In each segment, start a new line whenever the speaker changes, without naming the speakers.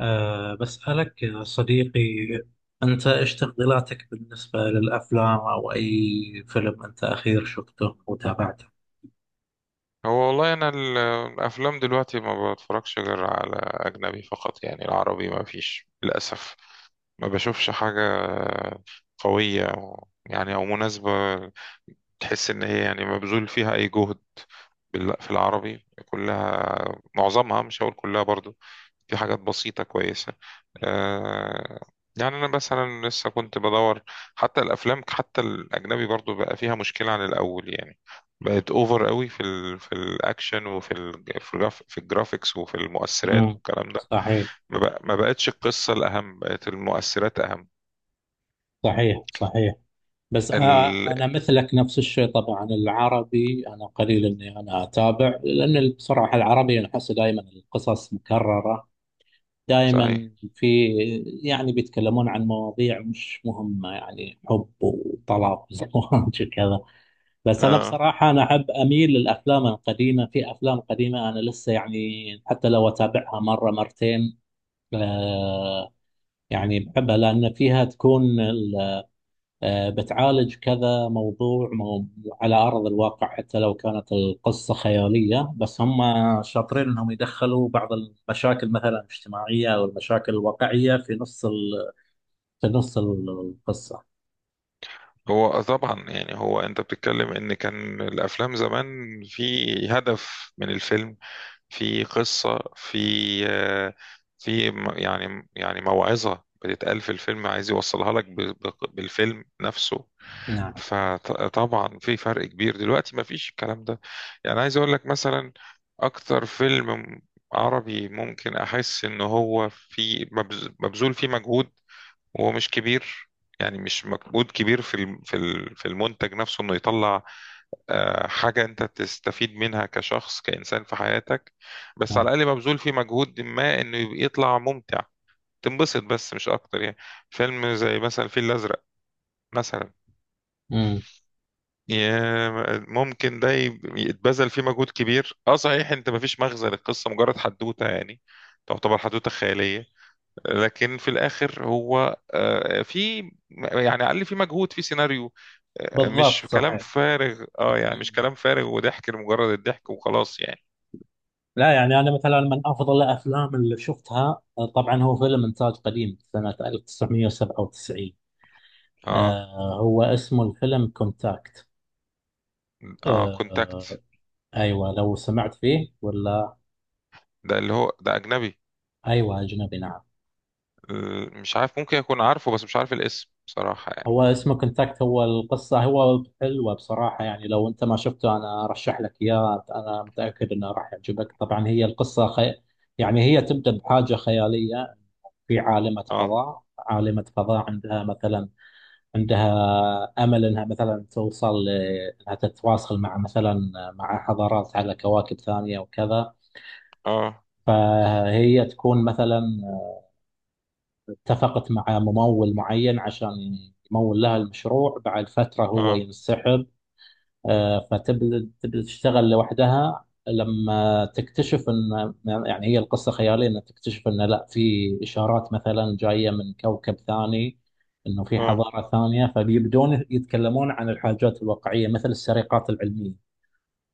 بسألك يا صديقي، أنت إيش تفضيلاتك بالنسبة للأفلام أو أي فيلم أنت أخير شفته وتابعته؟
هو والله انا الافلام دلوقتي ما بتفرجش غير على اجنبي فقط، يعني العربي ما فيش للاسف. ما بشوفش حاجة قوية يعني او مناسبة تحس إن هي يعني مبذول فيها أي جهد في العربي كلها. معظمها، مش هقول كلها برضو، في حاجات بسيطة كويسة. آه يعني أنا مثلا لسه كنت بدور. حتى الأفلام، حتى الأجنبي برضو، بقى فيها مشكلة عن الأول يعني. بقت أوفر قوي في الأكشن وفي ال في, الجراف في الجرافيكس وفي المؤثرات
امم،
والكلام ده.
صحيح،
ما بقتش القصة الأهم، بقت المؤثرات أهم.
صحيح، صحيح. بس
ال
انا مثلك نفس الشيء، طبعا العربي انا قليل اني انا اتابع، لان بصراحه العربي انا احس دائما القصص مكرره، دائما
صحيح.
في، يعني بيتكلمون عن مواضيع مش مهمه، يعني حب وطلاق وزواج وكذا. بس انا
اه.
بصراحه انا احب اميل للافلام القديمه، في افلام قديمه انا لسه يعني حتى لو اتابعها مره مرتين. آه يعني بحبها لان فيها تكون بتعالج كذا موضوع، مو على ارض الواقع، حتى لو كانت القصه خياليه بس هم شاطرين انهم يدخلوا بعض المشاكل مثلا الاجتماعيه او المشاكل الواقعيه في نص القصه.
هو طبعا يعني، هو انت بتتكلم ان كان الافلام زمان في هدف من الفيلم، في قصة، في آه، في م- يعني موعظة بتتقال في الفيلم عايز يوصلها لك بالفيلم نفسه.
نعم.
فطبعا في فرق كبير دلوقتي، ما فيش الكلام ده. يعني عايز اقول لك مثلا، اكتر فيلم عربي ممكن احس ان هو في مبذول فيه مجهود، ومش كبير يعني، مش مجهود كبير في المنتج نفسه، انه يطلع حاجة انت تستفيد منها كشخص كإنسان في حياتك. بس
نعم.
على الأقل مبذول فيه مجهود ما، انه يبقى يطلع ممتع، تنبسط بس، مش اكتر يعني. فيلم زي مثلا الفيل الأزرق مثلا،
امم،
ممكن ده يتبذل فيه مجهود كبير. اه صحيح، انت مفيش مغزى للقصة، مجرد حدوتة يعني، تعتبر حدوتة خيالية. لكن في الاخر هو، آه، في يعني على الاقل في مجهود، في سيناريو،
بالضبط
مش كلام
صحيح.
فارغ. اه يعني مش كلام فارغ وضحك لمجرد الضحك وخلاص يعني.
لا يعني انا مثلا من افضل الافلام اللي شفتها آه، طبعا هو فيلم انتاج قديم سنه 1997.
اه،
هو اسمه الفيلم كونتاكت.
اه، كونتاكت.
آه، ايوه، لو سمعت فيه ولا؟
ده اللي هو ده اجنبي.
ايوه اجنبي، نعم.
مش عارف، ممكن اكون عارفه بس مش عارف الاسم بصراحة يعني.
هو اسمه كونتاكت، هو القصه هو حلوه بصراحه، يعني لو انت ما شفته انا ارشح لك اياه، انا متاكد انه راح يعجبك. طبعا هي القصه يعني هي تبدا بحاجه خياليه، في عالمة
اه،
فضاء، عالمة فضاء عندها مثلا، عندها امل انها مثلا انها تتواصل مع مثلا مع حضارات على كواكب ثانيه وكذا.
اه،
فهي تكون مثلا اتفقت مع ممول معين عشان يمول لها المشروع، بعد فتره هو
اه،
ينسحب. آه، فتبدأ تشتغل لوحدها، لما تكتشف ان، يعني هي القصة خيالية، ان تكتشف ان لا، في اشارات مثلا جاية من كوكب ثاني، انه في
اه،
حضارة ثانية. فبيبدون يتكلمون عن الحاجات الواقعية مثل السرقات العلمية،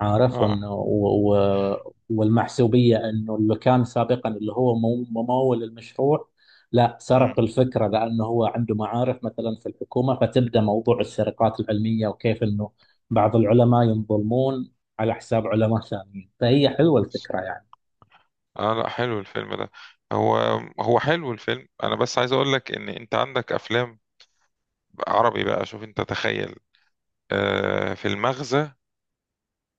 عارف،
اه.
وانه والمحسوبيه، انه اللي كان سابقا اللي هو ممول المشروع لا،
مم.
سرق الفكره لانه هو عنده معارف مثلا في الحكومه. فتبدا موضوع السرقات العلميه وكيف انه بعض العلماء ينظلمون على حساب علماء ثانيين. فهي حلوه الفكره يعني.
اه، لا، حلو الفيلم ده. هو هو حلو الفيلم. انا بس عايز اقول لك ان انت عندك افلام عربي بقى، شوف انت تخيل، في المغزى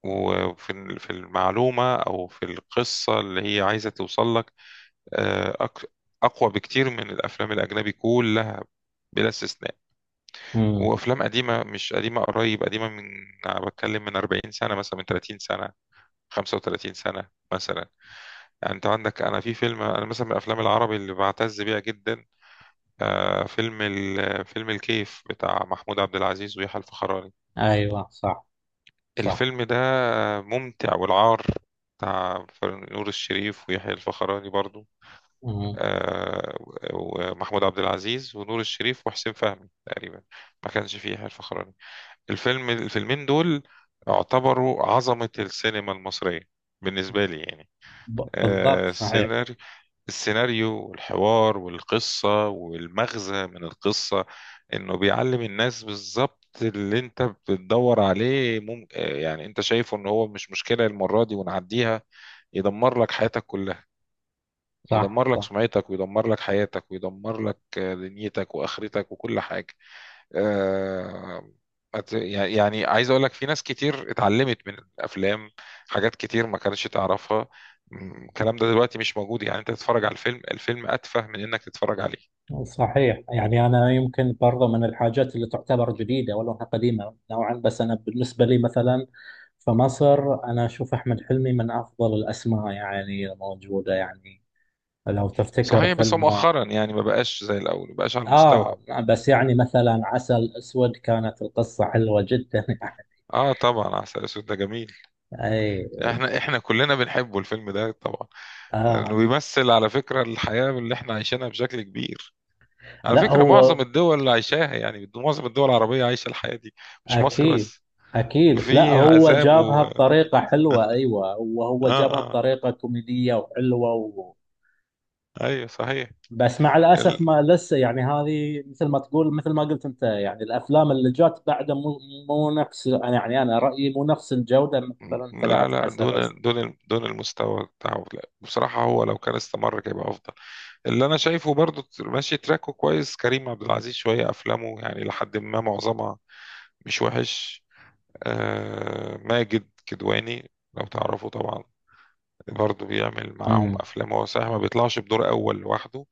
وفي في المعلومة أو في القصة اللي هي عايزة توصل لك آه، أك- أقوى بكتير من الأفلام الأجنبي كلها، بلا استثناء.
امم.
وأفلام قديمة، مش قديمة قريب، قديمة من، أنا بتكلم من 40 سنة مثلا، من 30 سنة، 35 سنة مثلا. يعني أنت عندك، أنا في فيلم، أنا مثلا من الأفلام العربي اللي بعتز بيها جدا، فيلم الكيف بتاع محمود عبد العزيز ويحيى الفخراني.
ايوه صح. صح.
الفيلم ده ممتع. والعار بتاع نور الشريف ويحيى الفخراني برضو،
امم،
آه، ومحمود عبد العزيز ونور الشريف وحسين فهمي تقريبا، ما كانش فيه يحيى الفخراني. الفيلمين دول اعتبروا عظمة السينما المصرية بالنسبة لي يعني.
بالضبط
آه،
صحيح.
سيناريو السيناريو والحوار والقصة والمغزى من القصة، انه بيعلم الناس بالظبط اللي انت بتدور عليه. يعني انت شايفه ان هو مش مشكلة، المرة دي ونعديها يدمر لك حياتك كلها،
صح.
يدمر لك
صح.
سمعتك ويدمر لك حياتك ويدمر لك دنيتك واخرتك وكل حاجة. آه، يعني عايز اقول لك، في ناس كتير اتعلمت من الافلام حاجات كتير ما كانتش تعرفها. الكلام ده دلوقتي مش موجود. يعني انت تتفرج على الفيلم اتفه من انك تتفرج عليه.
صحيح يعني، أنا يمكن برضه من الحاجات اللي تعتبر جديدة ولو إنها قديمة نوعا. بس أنا بالنسبة لي مثلا في مصر أنا أشوف أحمد حلمي من أفضل الأسماء يعني موجودة، يعني لو تفتكر
صحيح. بس هو
فيلمه.
مؤخرا يعني ما بقاش زي الاول، ما بقاش على المستوى.
آه، بس يعني مثلا عسل أسود كانت القصة حلوة جدا يعني.
اه، طبعا عسل اسود ده جميل.
أي.
احنا كلنا بنحبه الفيلم ده طبعا. انه
آه
بيمثل على فكرة الحياة اللي احنا عايشينها بشكل كبير. على
لا
فكرة
هو.
معظم الدول اللي عايشاها يعني، معظم الدول العربية عايشة الحياة دي، مش مصر
أكيد.
بس.
أكيد لا
في
هو
عذاب.
جابها بطريقة حلوة، أيوة وهو
اه،
جابها
اه،
بطريقة كوميدية وحلوة.
ايوه، صحيح.
بس مع الاسف
ال...
ما لسه يعني هذه مثل ما تقول، مثل ما قلت انت يعني الافلام اللي جات بعده مو، مو نفس، أنا يعني انا رايي مو نفس الجوده مثلا
لا،
تبعت
لا،
عسل اسود.
دون، دون، دون المستوى بتاعه. لا بصراحة هو لو كان استمر كان يبقى أفضل. اللي أنا شايفه برضو ماشي تراكه كويس، كريم عبد العزيز، شوية أفلامه يعني لحد ما معظمها مش وحش. ماجد كدواني لو تعرفه طبعا، برضه بيعمل معاهم
امم.
افلام. هو صحيح ما بيطلعش بدور اول لوحده،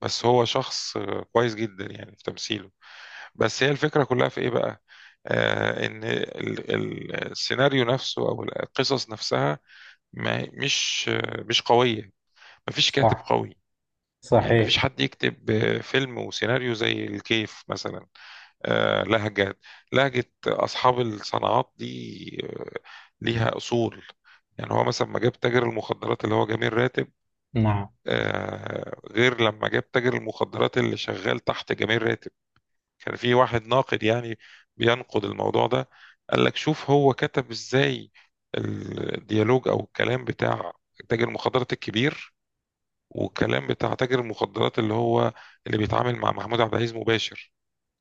بس هو شخص كويس جدا يعني في تمثيله. بس هي الفكرة كلها في ايه بقى؟ ان السيناريو نفسه او القصص نفسها، ما مش آه، مش قوية. مفيش كاتب
صح.
قوي، يعني
صحيح.
مفيش حد يكتب فيلم وسيناريو زي الكيف مثلا. آه، لهجة لهجة أصحاب الصناعات دي آه، ليها أصول. يعني هو مثلا ما جاب تاجر المخدرات اللي هو جميل راتب
نعم.
غير لما جاب تاجر المخدرات اللي شغال تحت جميل راتب. كان في واحد ناقد يعني بينقد الموضوع ده، قال لك شوف هو كتب ازاي الديالوج او الكلام بتاع تاجر المخدرات الكبير، والكلام بتاع تاجر المخدرات اللي هو اللي بيتعامل مع محمود عبد العزيز مباشر.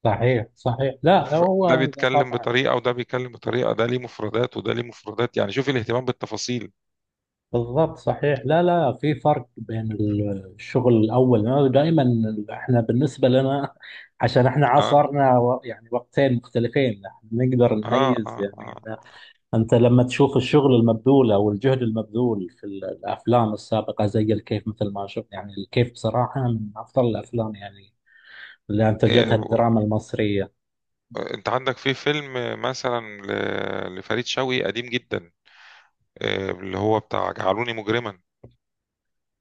صحيح صحيح لا
ده
هو
بيتكلم
طبعا
بطريقة وده بيتكلم بطريقة، ده ليه مفردات وده ليه مفردات، يعني شوف الاهتمام بالتفاصيل.
بالضبط صحيح. لا لا في فرق بين الشغل الاول. أنا دائما احنا بالنسبه لنا، عشان احنا
اه،
عصرنا و- يعني وقتين مختلفين احنا نقدر
اه،
نميز يعني.
اه,
أنت لما تشوف الشغل المبذول أو الجهد المبذول في الأفلام السابقة زي الكيف، مثل ما شفت، يعني الكيف بصراحة من أفضل الأفلام يعني اللي أنتجتها
آه.
الدراما المصرية.
انت عندك في فيلم مثلا لفريد شوقي قديم جدا، اللي هو بتاع جعلوني مجرما.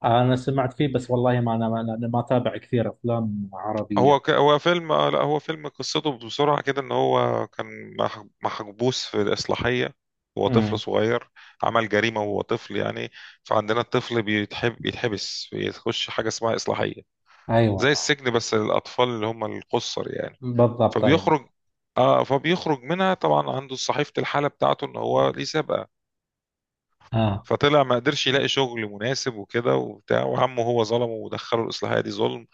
أنا سمعت فيه بس والله ما أنا ما أتابع كثير أفلام عربية.
هو فيلم، لا، هو فيلم قصته بسرعة كده، ان هو كان محبوس في الإصلاحية. هو طفل
امم.
صغير، عمل جريمة وهو طفل يعني، فعندنا الطفل بيتحبس بيخش حاجة اسمها إصلاحية،
أيوة.
زي السجن بس للأطفال اللي هم القُصر يعني.
بالضبط أيوة.
فبيخرج اه فبيخرج منها طبعا عنده صحيفة الحالة بتاعته ان هو ليه سابقة،
آه.
فطلع ما قدرش يلاقي شغل مناسب وكده وبتاع، وعمه هو ظلمه ودخله الإصلاحية دي ظلم،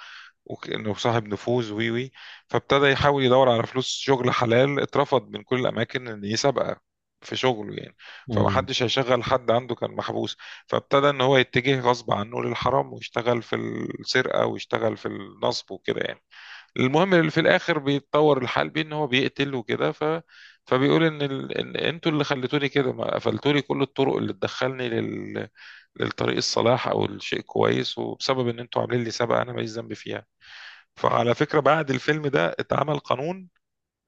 وإنه صاحب نفوذ وي وي فابتدى يحاول يدور على فلوس شغل حلال، اترفض من كل الأماكن إن يسابقه في شغله يعني.
امم،
فمحدش هيشغل حد عنده كان محبوس، فابتدى إن هو يتجه غصب عنه للحرام، ويشتغل في السرقة ويشتغل في النصب وكده يعني. المهم اللي في الاخر بيتطور الحال بيه ان هو بيقتل وكده، فبيقول ان ان انتوا اللي خليتوني كده، ما قفلتولي كل الطرق اللي تدخلني للطريق الصلاح او الشيء كويس، وبسبب ان انتوا عاملين لي سابقه انا ماليش ذنب فيها. فعلى فكره بعد الفيلم ده اتعمل قانون،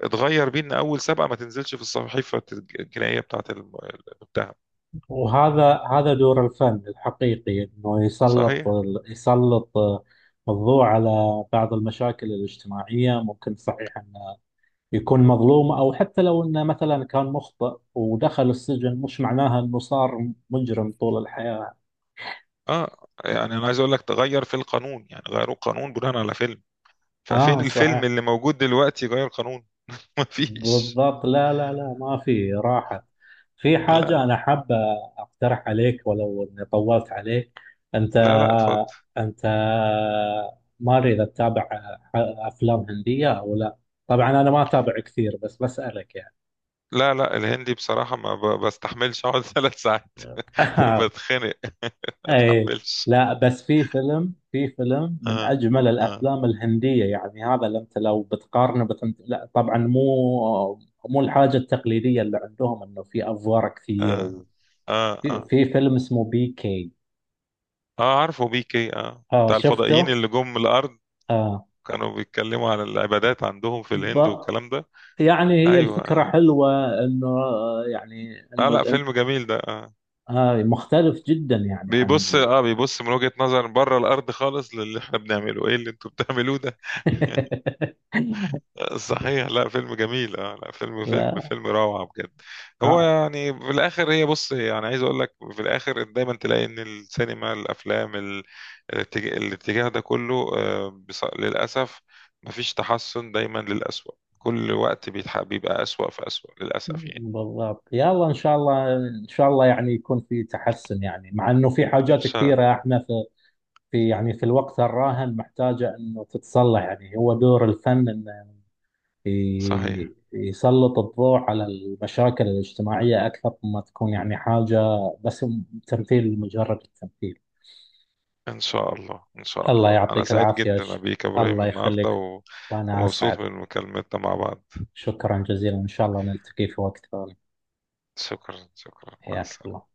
اتغير بيه ان اول سابقه ما تنزلش في الصحيفه الجنائيه بتاعه المتهم.
وهذا دور الفن الحقيقي، إنه يسلط
صحيح.
يسلط الضوء على بعض المشاكل الاجتماعية، ممكن صحيح ان يكون مظلوم، أو حتى لو إنه مثلا كان مخطئ ودخل السجن مش معناها إنه صار مجرم طول الحياة.
اه، يعني انا عايز اقول لك تغير في القانون، يعني غيروا القانون بناء على فيلم. ففين
آه
الفيلم
صحيح.
اللي موجود دلوقتي غير قانون؟ مفيش.
بالضبط. لا لا لا ما في راحة. في حاجة
لا،
أنا حابة أقترح عليك ولو إني طولت عليك. أنت،
لا، لا، اتفضل.
أنت ماري إذا تتابع ح- أفلام هندية أو لا؟ طبعا أنا ما أتابع كثير بس بسألك يعني.
لا، لا، الهندي بصراحة ما بستحملش اقعد ثلاث ساعات. بتخنق، ما
اي،
اتحملش.
لا بس في فيلم، في فيلم من
اه،
اجمل
اه،
الافلام الهنديه، يعني هذا اللي انت لو بتقارنه لا طبعا مو، مو الحاجه التقليديه اللي عندهم انه في افوار كثير
اه،
وفي،
اه، اه.
في فيلم اسمه PK.
اه، عارفه بيكي. اه
اه
بتاع الفضائيين
شفته.
اللي جم من الارض
اه.
كانوا بيتكلموا على العبادات عندهم في
ب...
الهند والكلام ده.
يعني هي
ايوه،
الفكره
اه,
حلوه انه يعني
آه،
انه
لا، فيلم جميل ده، اه.
آه مختلف جدا يعني عن ال...
بيبص من وجهة نظر بره الارض خالص للي احنا بنعمله، ايه اللي انتوا بتعملوه ده؟ صحيح. لا، فيلم جميل. اه، لا، فيلم فيلم
لا.
فيلم روعة بجد. هو
آه.
يعني في الاخر، هي بص يعني عايز اقول لك في الاخر دايما تلاقي ان السينما، الافلام الاتجاه ده كله، للاسف مفيش تحسن، دايما للأسوأ، كل وقت بيبقى أسوأ في أسوأ للأسف يعني.
بالضبط، يلا ان شاء الله، ان شاء الله يعني يكون في تحسن، يعني مع انه في
ان
حاجات
شاء
كثيره
الله.
احنا في، في يعني في الوقت الراهن محتاجه انه تتصلح. يعني هو دور الفن انه
صحيح،
يسلط الضوء على المشاكل الاجتماعيه اكثر ما تكون، يعني حاجه بس تمثيل، مجرد التمثيل.
ان شاء الله، ان شاء
الله
الله، انا
يعطيك
سعيد
العافيه
جدا بيك يا ابراهيم
الله
النهارده
يخليك، وانا اسعد.
ومبسوط من مكالمتنا مع بعض.
شكرا جزيلا، ان شاء الله نلتقي في وقت ثاني.
شكرا، شكرا، مع
حياك
السلامة.
الله.